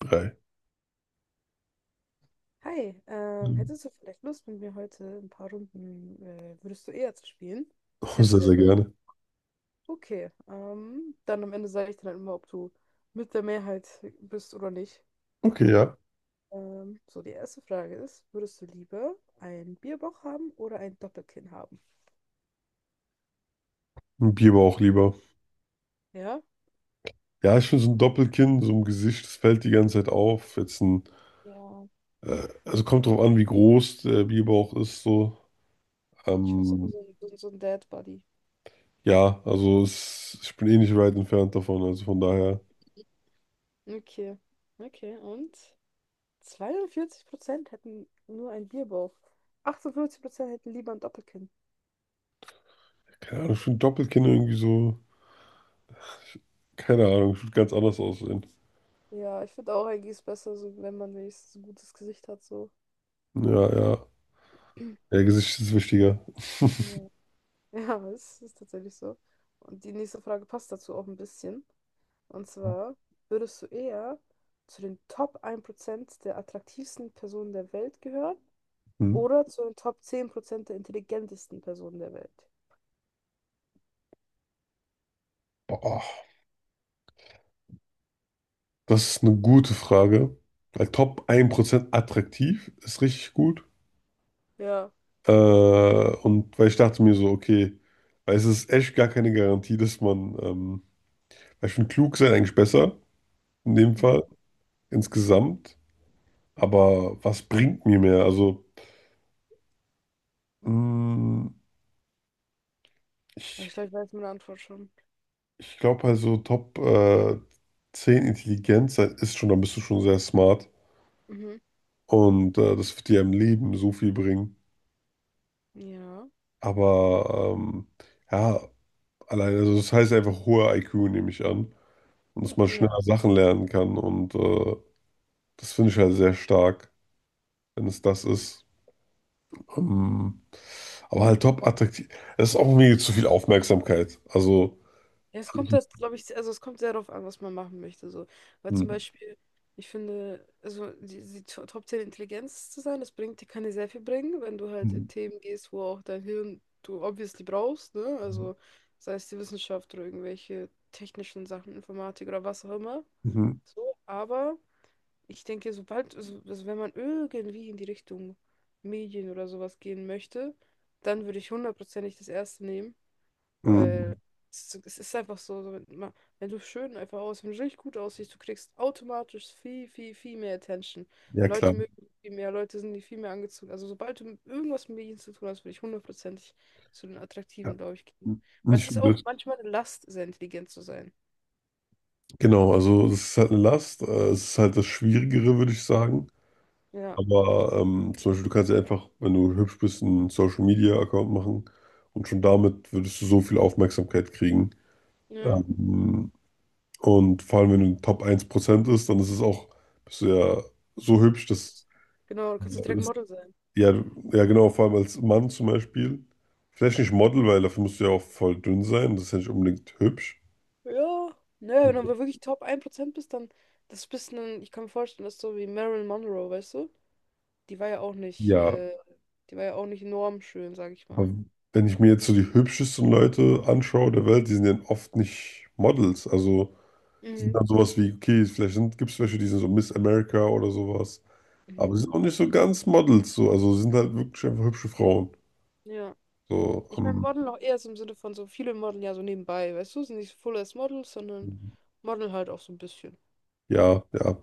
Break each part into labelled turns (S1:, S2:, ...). S1: Drei.
S2: Hi,
S1: Mhm.
S2: hättest du vielleicht Lust, mit mir heute ein paar Runden, würdest du eher zu spielen? Das
S1: Oh, sehr,
S2: kennst du ja.
S1: sehr gerne.
S2: Okay, dann am Ende sage ich dir dann immer, ob du mit der Mehrheit bist oder nicht.
S1: Okay, ja.
S2: So, die erste Frage ist, würdest du lieber einen Bierbauch haben oder ein Doppelkinn haben?
S1: Ein Bier aber auch lieber.
S2: Ja?
S1: Ja, ich finde so ein Doppelkinn, so ein Gesicht, das fällt die ganze Zeit auf.
S2: Ja,
S1: Also kommt drauf an, wie groß der Bierbauch ist, so.
S2: ich würde sagen,
S1: Ähm,
S2: so, so ein Dad Buddy.
S1: ja, also ich bin eh nicht weit entfernt davon, also von daher,
S2: Okay, okay, und 42% hätten nur einen Bierbauch, 48% hätten lieber ein Doppelkinn.
S1: keine Ahnung, ich finde Doppelkinn irgendwie so, keine Ahnung, ich würde ganz anders aussehen.
S2: Ja, ich finde auch eigentlich ist besser, so, wenn man wenigstens ein gutes Gesicht hat, so.
S1: Ja, ja. Ja, Gesicht ist wichtiger.
S2: Ja, ja, es ist tatsächlich so. Und die nächste Frage passt dazu auch ein bisschen. Und zwar, würdest du eher zu den Top 1% der attraktivsten Personen der Welt gehören
S1: Hm.
S2: oder zu den Top 10% der intelligentesten Personen der Welt?
S1: Boah, das ist eine gute Frage. Weil Top ein Prozent attraktiv ist richtig gut.
S2: Ja.
S1: Und weil ich dachte mir so, okay, weil es ist echt gar keine Garantie, dass man, weil ich finde, klug sein eigentlich besser, in dem
S2: Mhm.
S1: Fall, insgesamt. Aber was bringt mir mehr? Also, mh,
S2: Also
S1: ich,
S2: ich glaube, ich weiß meine Antwort schon.
S1: ich glaube halt so Top 10 Intelligenz sein ist schon, dann bist du schon sehr smart.
S2: Mhm.
S1: Und das wird dir im Leben so viel bringen.
S2: Ja.
S1: Aber ähm, ja, allein, also das heißt einfach hoher IQ, nehme ich an. Und dass man
S2: Ja.
S1: schneller Sachen lernen kann und. Das finde ich halt sehr stark, wenn es das ist. Ähm, aber halt top attraktiv. Es ist auch irgendwie zu viel Aufmerksamkeit. Also.
S2: Ja, es kommt
S1: alles-
S2: halt, glaube ich, also es kommt sehr darauf an, was man machen möchte. So. Weil zum
S1: Mhm.
S2: Beispiel, ich finde, also die Top 10 Intelligenz zu sein, das bringt dir, kann dir sehr viel bringen, wenn du halt in Themen gehst, wo auch dein Hirn du obviously brauchst, ne? Also sei es die Wissenschaft oder irgendwelche technischen Sachen, Informatik oder was auch immer.
S1: Mhm.
S2: So, aber ich denke, sobald, also wenn man irgendwie in die Richtung Medien oder sowas gehen möchte, dann würde ich hundertprozentig das erste nehmen.
S1: Mhm.
S2: Weil es ist einfach so, so, wenn du schön einfach aussiehst, wenn du richtig gut aussiehst, du kriegst automatisch viel, viel, viel mehr Attention.
S1: Ja, klar.
S2: Leute mögen dich viel mehr, Leute sind dir viel mehr angezogen. Also sobald du mit irgendwas mit Medien zu tun hast, würde ich hundertprozentig zu den
S1: Ja.
S2: Attraktiven, glaube ich, gehen. Weil es
S1: Nicht
S2: ist auch
S1: übel.
S2: manchmal eine Last, sehr intelligent zu sein.
S1: Genau, also es ist halt eine Last. Es ist halt das Schwierigere, würde ich sagen.
S2: Ja,
S1: Aber zum Beispiel, du kannst ja einfach, wenn du hübsch bist, einen Social Media Account machen und schon damit würdest du so viel Aufmerksamkeit kriegen.
S2: ja.
S1: Ähm, Und vor allem, wenn du in den Top 1% ist, dann ist es auch, bist du ja so hübsch,
S2: Und
S1: dass,
S2: Genau, du kannst auch direkt
S1: dass
S2: Model sein.
S1: ja, ja genau, vor allem als Mann zum Beispiel. Vielleicht nicht Model, weil dafür musst du ja auch voll dünn sein. Das ist ja nicht unbedingt hübsch.
S2: Ja, ne, wenn du aber wirklich Top 1% bist, dann das bist ein, ich kann mir vorstellen, dass du so wie Marilyn Monroe, weißt du? Die war ja auch nicht,
S1: Ja,
S2: die war ja auch nicht enorm schön, sag ich mal.
S1: aber wenn ich mir jetzt so die hübschesten Leute anschaue der Welt, die sind ja oft nicht Models. Also die sind
S2: Mhm.
S1: dann sowas wie, okay, vielleicht gibt es welche, die sind so Miss America oder sowas. Aber
S2: Mhm.
S1: die sind auch nicht so ganz Models. So. Also sind halt wirklich einfach hübsche Frauen.
S2: Ja.
S1: So,
S2: Ich meine,
S1: ähm,
S2: Model auch eher so im Sinne von so viele Model ja so nebenbei, weißt du? Sind nicht so Full as Models, sondern Model halt auch so ein bisschen.
S1: Ja, ja.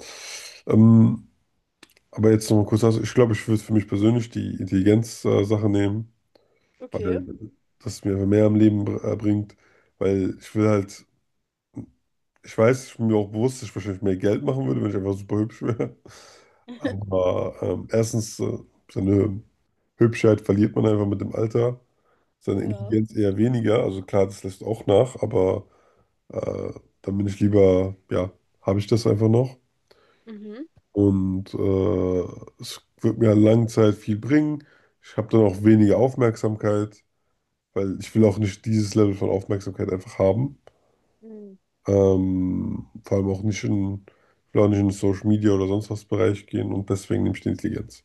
S1: Ähm, aber jetzt noch mal kurz, also ich glaube, ich würde für mich persönlich die Intelligenz-Sache nehmen,
S2: Okay.
S1: weil das mir mehr am Leben bringt, weil ich will halt, ich weiß, ich bin mir auch bewusst, dass ich wahrscheinlich mehr Geld machen würde, wenn ich einfach super hübsch wäre. Aber erstens, seine Hübschheit verliert man einfach mit dem Alter, seine
S2: Ja.
S1: Intelligenz eher weniger, also klar, das lässt auch nach, aber äh, dann bin ich lieber, ja, habe ich das einfach noch.
S2: Mhm.
S1: Und es wird mir an langen Zeit viel bringen. Ich habe dann auch weniger Aufmerksamkeit, weil ich will auch nicht dieses Level von Aufmerksamkeit einfach haben.
S2: Mhm.
S1: Vor allem auch nicht in, ich will auch nicht in den Social Media oder sonst was Bereich gehen und deswegen nehme ich die Intelligenz.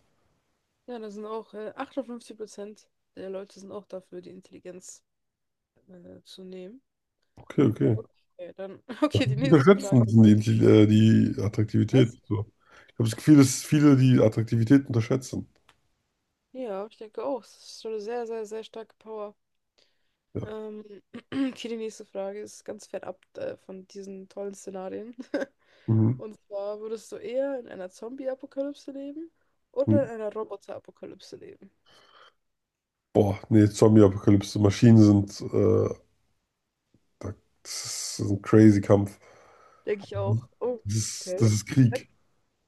S2: Ja, da sind auch 58% der Leute sind auch dafür, die Intelligenz zu nehmen.
S1: Okay, okay.
S2: Okay, dann, okay, die nächste Frage
S1: Unterschätzen
S2: ist
S1: sind die die
S2: das.
S1: Attraktivität. So. Ich habe das Gefühl, dass viele die Attraktivität unterschätzen.
S2: Ja, ich denke auch, es ist schon eine sehr, sehr, sehr starke Power.
S1: Ja.
S2: Ähm, okay, die nächste Frage ist ganz fernab von diesen tollen Szenarien.
S1: Mhm.
S2: Und zwar, würdest du eher in einer Zombie-Apokalypse leben oder
S1: Mhm.
S2: in einer Roboter-Apokalypse leben?
S1: Boah, nee, Zombie-Apokalypse. Maschinen sind, da- das ist ein crazy Kampf.
S2: Denke ich auch. Oh, okay.
S1: Das ist
S2: Sech-
S1: Krieg.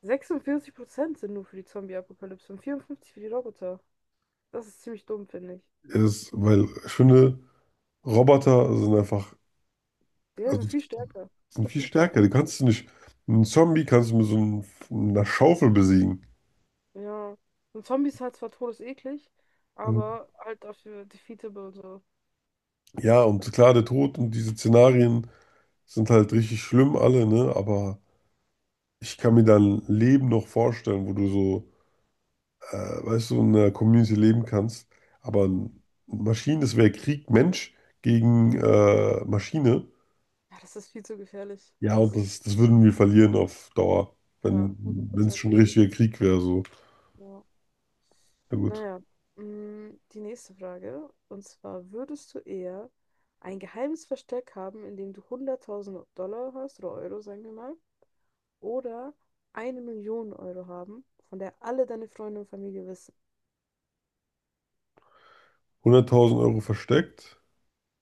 S2: 46% sind nur für die Zombie-Apokalypse und 54 für die Roboter. Das ist ziemlich dumm, finde ich.
S1: Es, weil ich finde, Roboter sind einfach,
S2: Die
S1: also
S2: sind viel stärker.
S1: sind
S2: Viel,
S1: viel
S2: viel
S1: stärker. Die
S2: stärker.
S1: kannst du nicht, Einen Zombie kannst du mit so einem, einer Schaufel besiegen.
S2: Ja. Und Zombies halt zwar todeseklig,
S1: Und
S2: aber halt dafür defeatable und so.
S1: ja, und klar, der Tod und diese Szenarien sind halt richtig schlimm alle, ne? Aber ich kann mir dein Leben noch vorstellen, wo du so, äh, weißt du, in einer Community leben kannst. Aber Maschinen, das wäre Krieg, Mensch gegen Maschine.
S2: Ja, das ist viel zu gefährlich.
S1: Ja,
S2: Das
S1: und
S2: ist,
S1: das würden wir verlieren auf Dauer,
S2: ja,
S1: wenn wenn es schon ein
S2: hundertprozentig.
S1: richtiger Krieg wäre. So.
S2: Ja.
S1: Na gut.
S2: Naja, die nächste Frage. Und zwar, würdest du eher ein geheimes Versteck haben, in dem du 100.000 Dollar hast, oder Euro, sagen wir mal, oder 1 Million Euro haben, von der alle deine Freunde und Familie wissen?
S1: 100.000 € versteckt.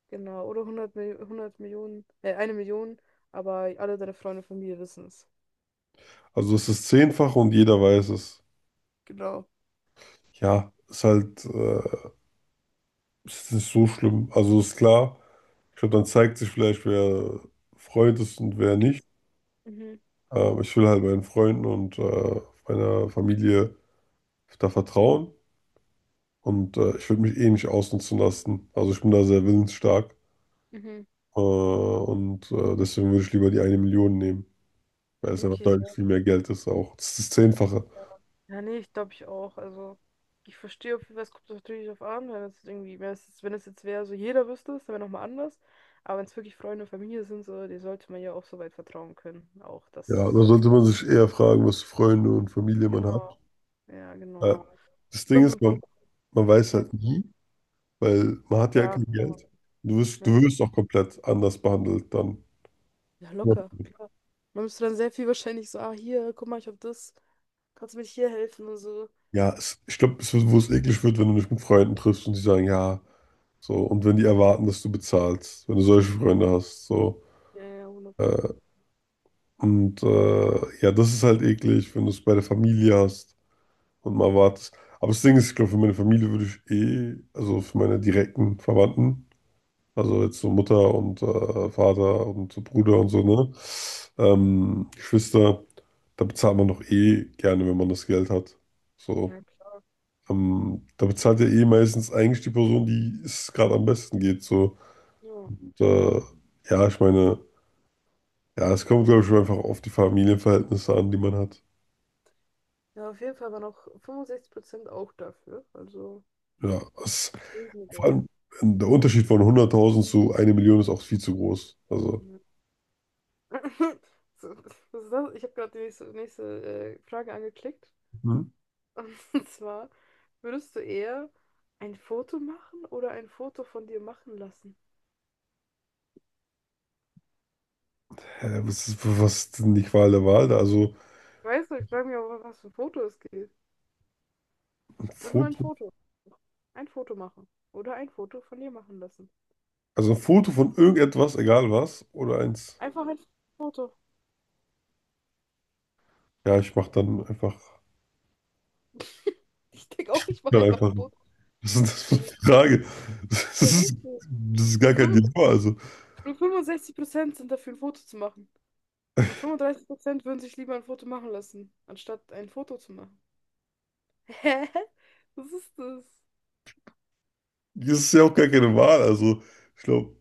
S2: Genau, oder 100 Millionen, 1 Million, aber alle deine Freunde und Familie wissen es.
S1: Also das ist zehnfach und jeder weiß es.
S2: Genau.
S1: Ja, ist nicht so schlimm. Also ist klar, ich glaube, dann zeigt sich vielleicht, wer Freund ist und wer nicht.
S2: Mhm,
S1: Ich will halt meinen Freunden und meiner Familie da vertrauen. Und ich würde mich eh nicht ausnutzen lassen. Also ich bin da sehr willensstark.
S2: mhm.
S1: Und deswegen würde ich lieber die eine Million nehmen. Weil es einfach
S2: Okay.
S1: deutlich
S2: Ja.
S1: viel mehr Geld ist auch. Das ist das Zehnfache.
S2: Ja, nee, ich glaube ich auch. Also, ich verstehe auf jeden Fall, es kommt natürlich drauf an, wenn es jetzt wäre, so jeder wüsste es, dann wäre nochmal anders. Aber wenn es wirklich Freunde und Familie sind, so, die sollte man ja auch so weit vertrauen können. Auch
S1: Ja, da
S2: das.
S1: sollte man sich eher fragen, was für Freunde und Familie man hat.
S2: Genau. Ja,
S1: Äh,
S2: genau.
S1: Das Ding ist,
S2: 65.
S1: man weiß
S2: Ja,
S1: halt nie, weil man hat ja
S2: ja,
S1: kein
S2: klar.
S1: Geld. Du
S2: Ja.
S1: wirst auch komplett anders behandelt dann.
S2: Ja, locker, klar. Man müsste dann sehr viel wahrscheinlich so, ah, hier, guck mal, ich hab das. Kannst du mir hier helfen und so.
S1: Ja, es, ich glaube, es wird, wo es eklig wird, wenn du dich mit Freunden triffst und die sagen, ja, so, und wenn die erwarten, dass du bezahlst, wenn du solche Freunde hast, so.
S2: Ja, ja, 100 Pro.
S1: Äh, und ja, das ist halt eklig, wenn du es bei der Familie hast. Und mal wartest. Aber das Ding ist, ich glaube, für meine Familie würde ich eh, also für meine direkten Verwandten, also jetzt so Mutter und Vater und so Bruder und so, ne? Geschwister, da bezahlt man doch eh gerne, wenn man das Geld hat. So.
S2: Ja, klar.
S1: Da bezahlt ja eh meistens eigentlich die Person, die es gerade am besten geht. So.
S2: Ja.
S1: Und, äh, ja, ich meine, ja, es kommt, glaube ich, einfach auf die Familienverhältnisse an, die man hat.
S2: Ja, auf jeden Fall waren auch 65% auch dafür. Also.
S1: Ja, es vor
S2: Entschuldigung.
S1: allem der Unterschied von 100.000 zu 1 Million ist auch viel zu groß. Also,
S2: Ja. So, was ist das? Ich habe gerade die nächste Frage angeklickt.
S1: Mhm.
S2: Und zwar, würdest du eher ein Foto machen oder ein Foto von dir machen lassen?
S1: Was ist, was ist denn die Qual der Wahl da?
S2: Ich weiß nicht, ich frage mich auch, was für ein Foto es geht.
S1: Ein
S2: Einfach nur ein
S1: Foto,
S2: Foto. Ein Foto machen. Oder ein Foto von dir machen lassen.
S1: also ein Foto von irgendetwas, egal was, oder eins.
S2: Einfach ein Foto.
S1: Ja, ich mach dann einfach,
S2: Ich denke auch, ich mache
S1: Dann
S2: einfach ein
S1: einfach.
S2: Foto.
S1: Was ist denn das für
S2: Von
S1: eine
S2: mir.
S1: Frage? Das
S2: Ich weiß
S1: ist,
S2: nicht.
S1: Das ist gar kein
S2: Fünf-
S1: Dilemma. Also,
S2: Nur 65% sind dafür, ein Foto zu machen. Und 35% würden sich lieber ein Foto machen lassen, anstatt ein Foto zu machen. Hä? Was ist das?
S1: das ist ja auch gar keine Wahl. Also, ich glaube,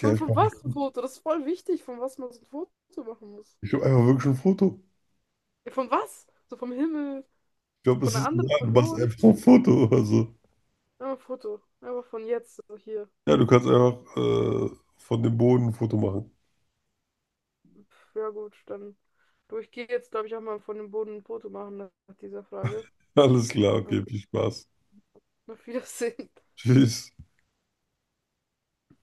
S1: ja, ich
S2: von
S1: mach,
S2: was ein Foto? Das ist voll wichtig, von was man so ein Foto machen muss.
S1: ich glaub einfach wirklich ein Foto.
S2: Ja, von was? So vom Himmel,
S1: Ich glaube,
S2: von
S1: es
S2: einer
S1: ist egal.
S2: anderen
S1: Du machst
S2: Person.
S1: einfach ein Foto. Also,
S2: Ja, ein Foto. Aber von jetzt, so hier.
S1: ja, du kannst einfach von dem Boden ein Foto machen.
S2: Pff, ja gut, dann. Du, ich gehe jetzt, glaube ich, auch mal von dem Boden ein Foto machen nach dieser Frage.
S1: Alles klar,
S2: Ja,
S1: okay, viel Spaß.
S2: auf Wiedersehen.
S1: Tschüss.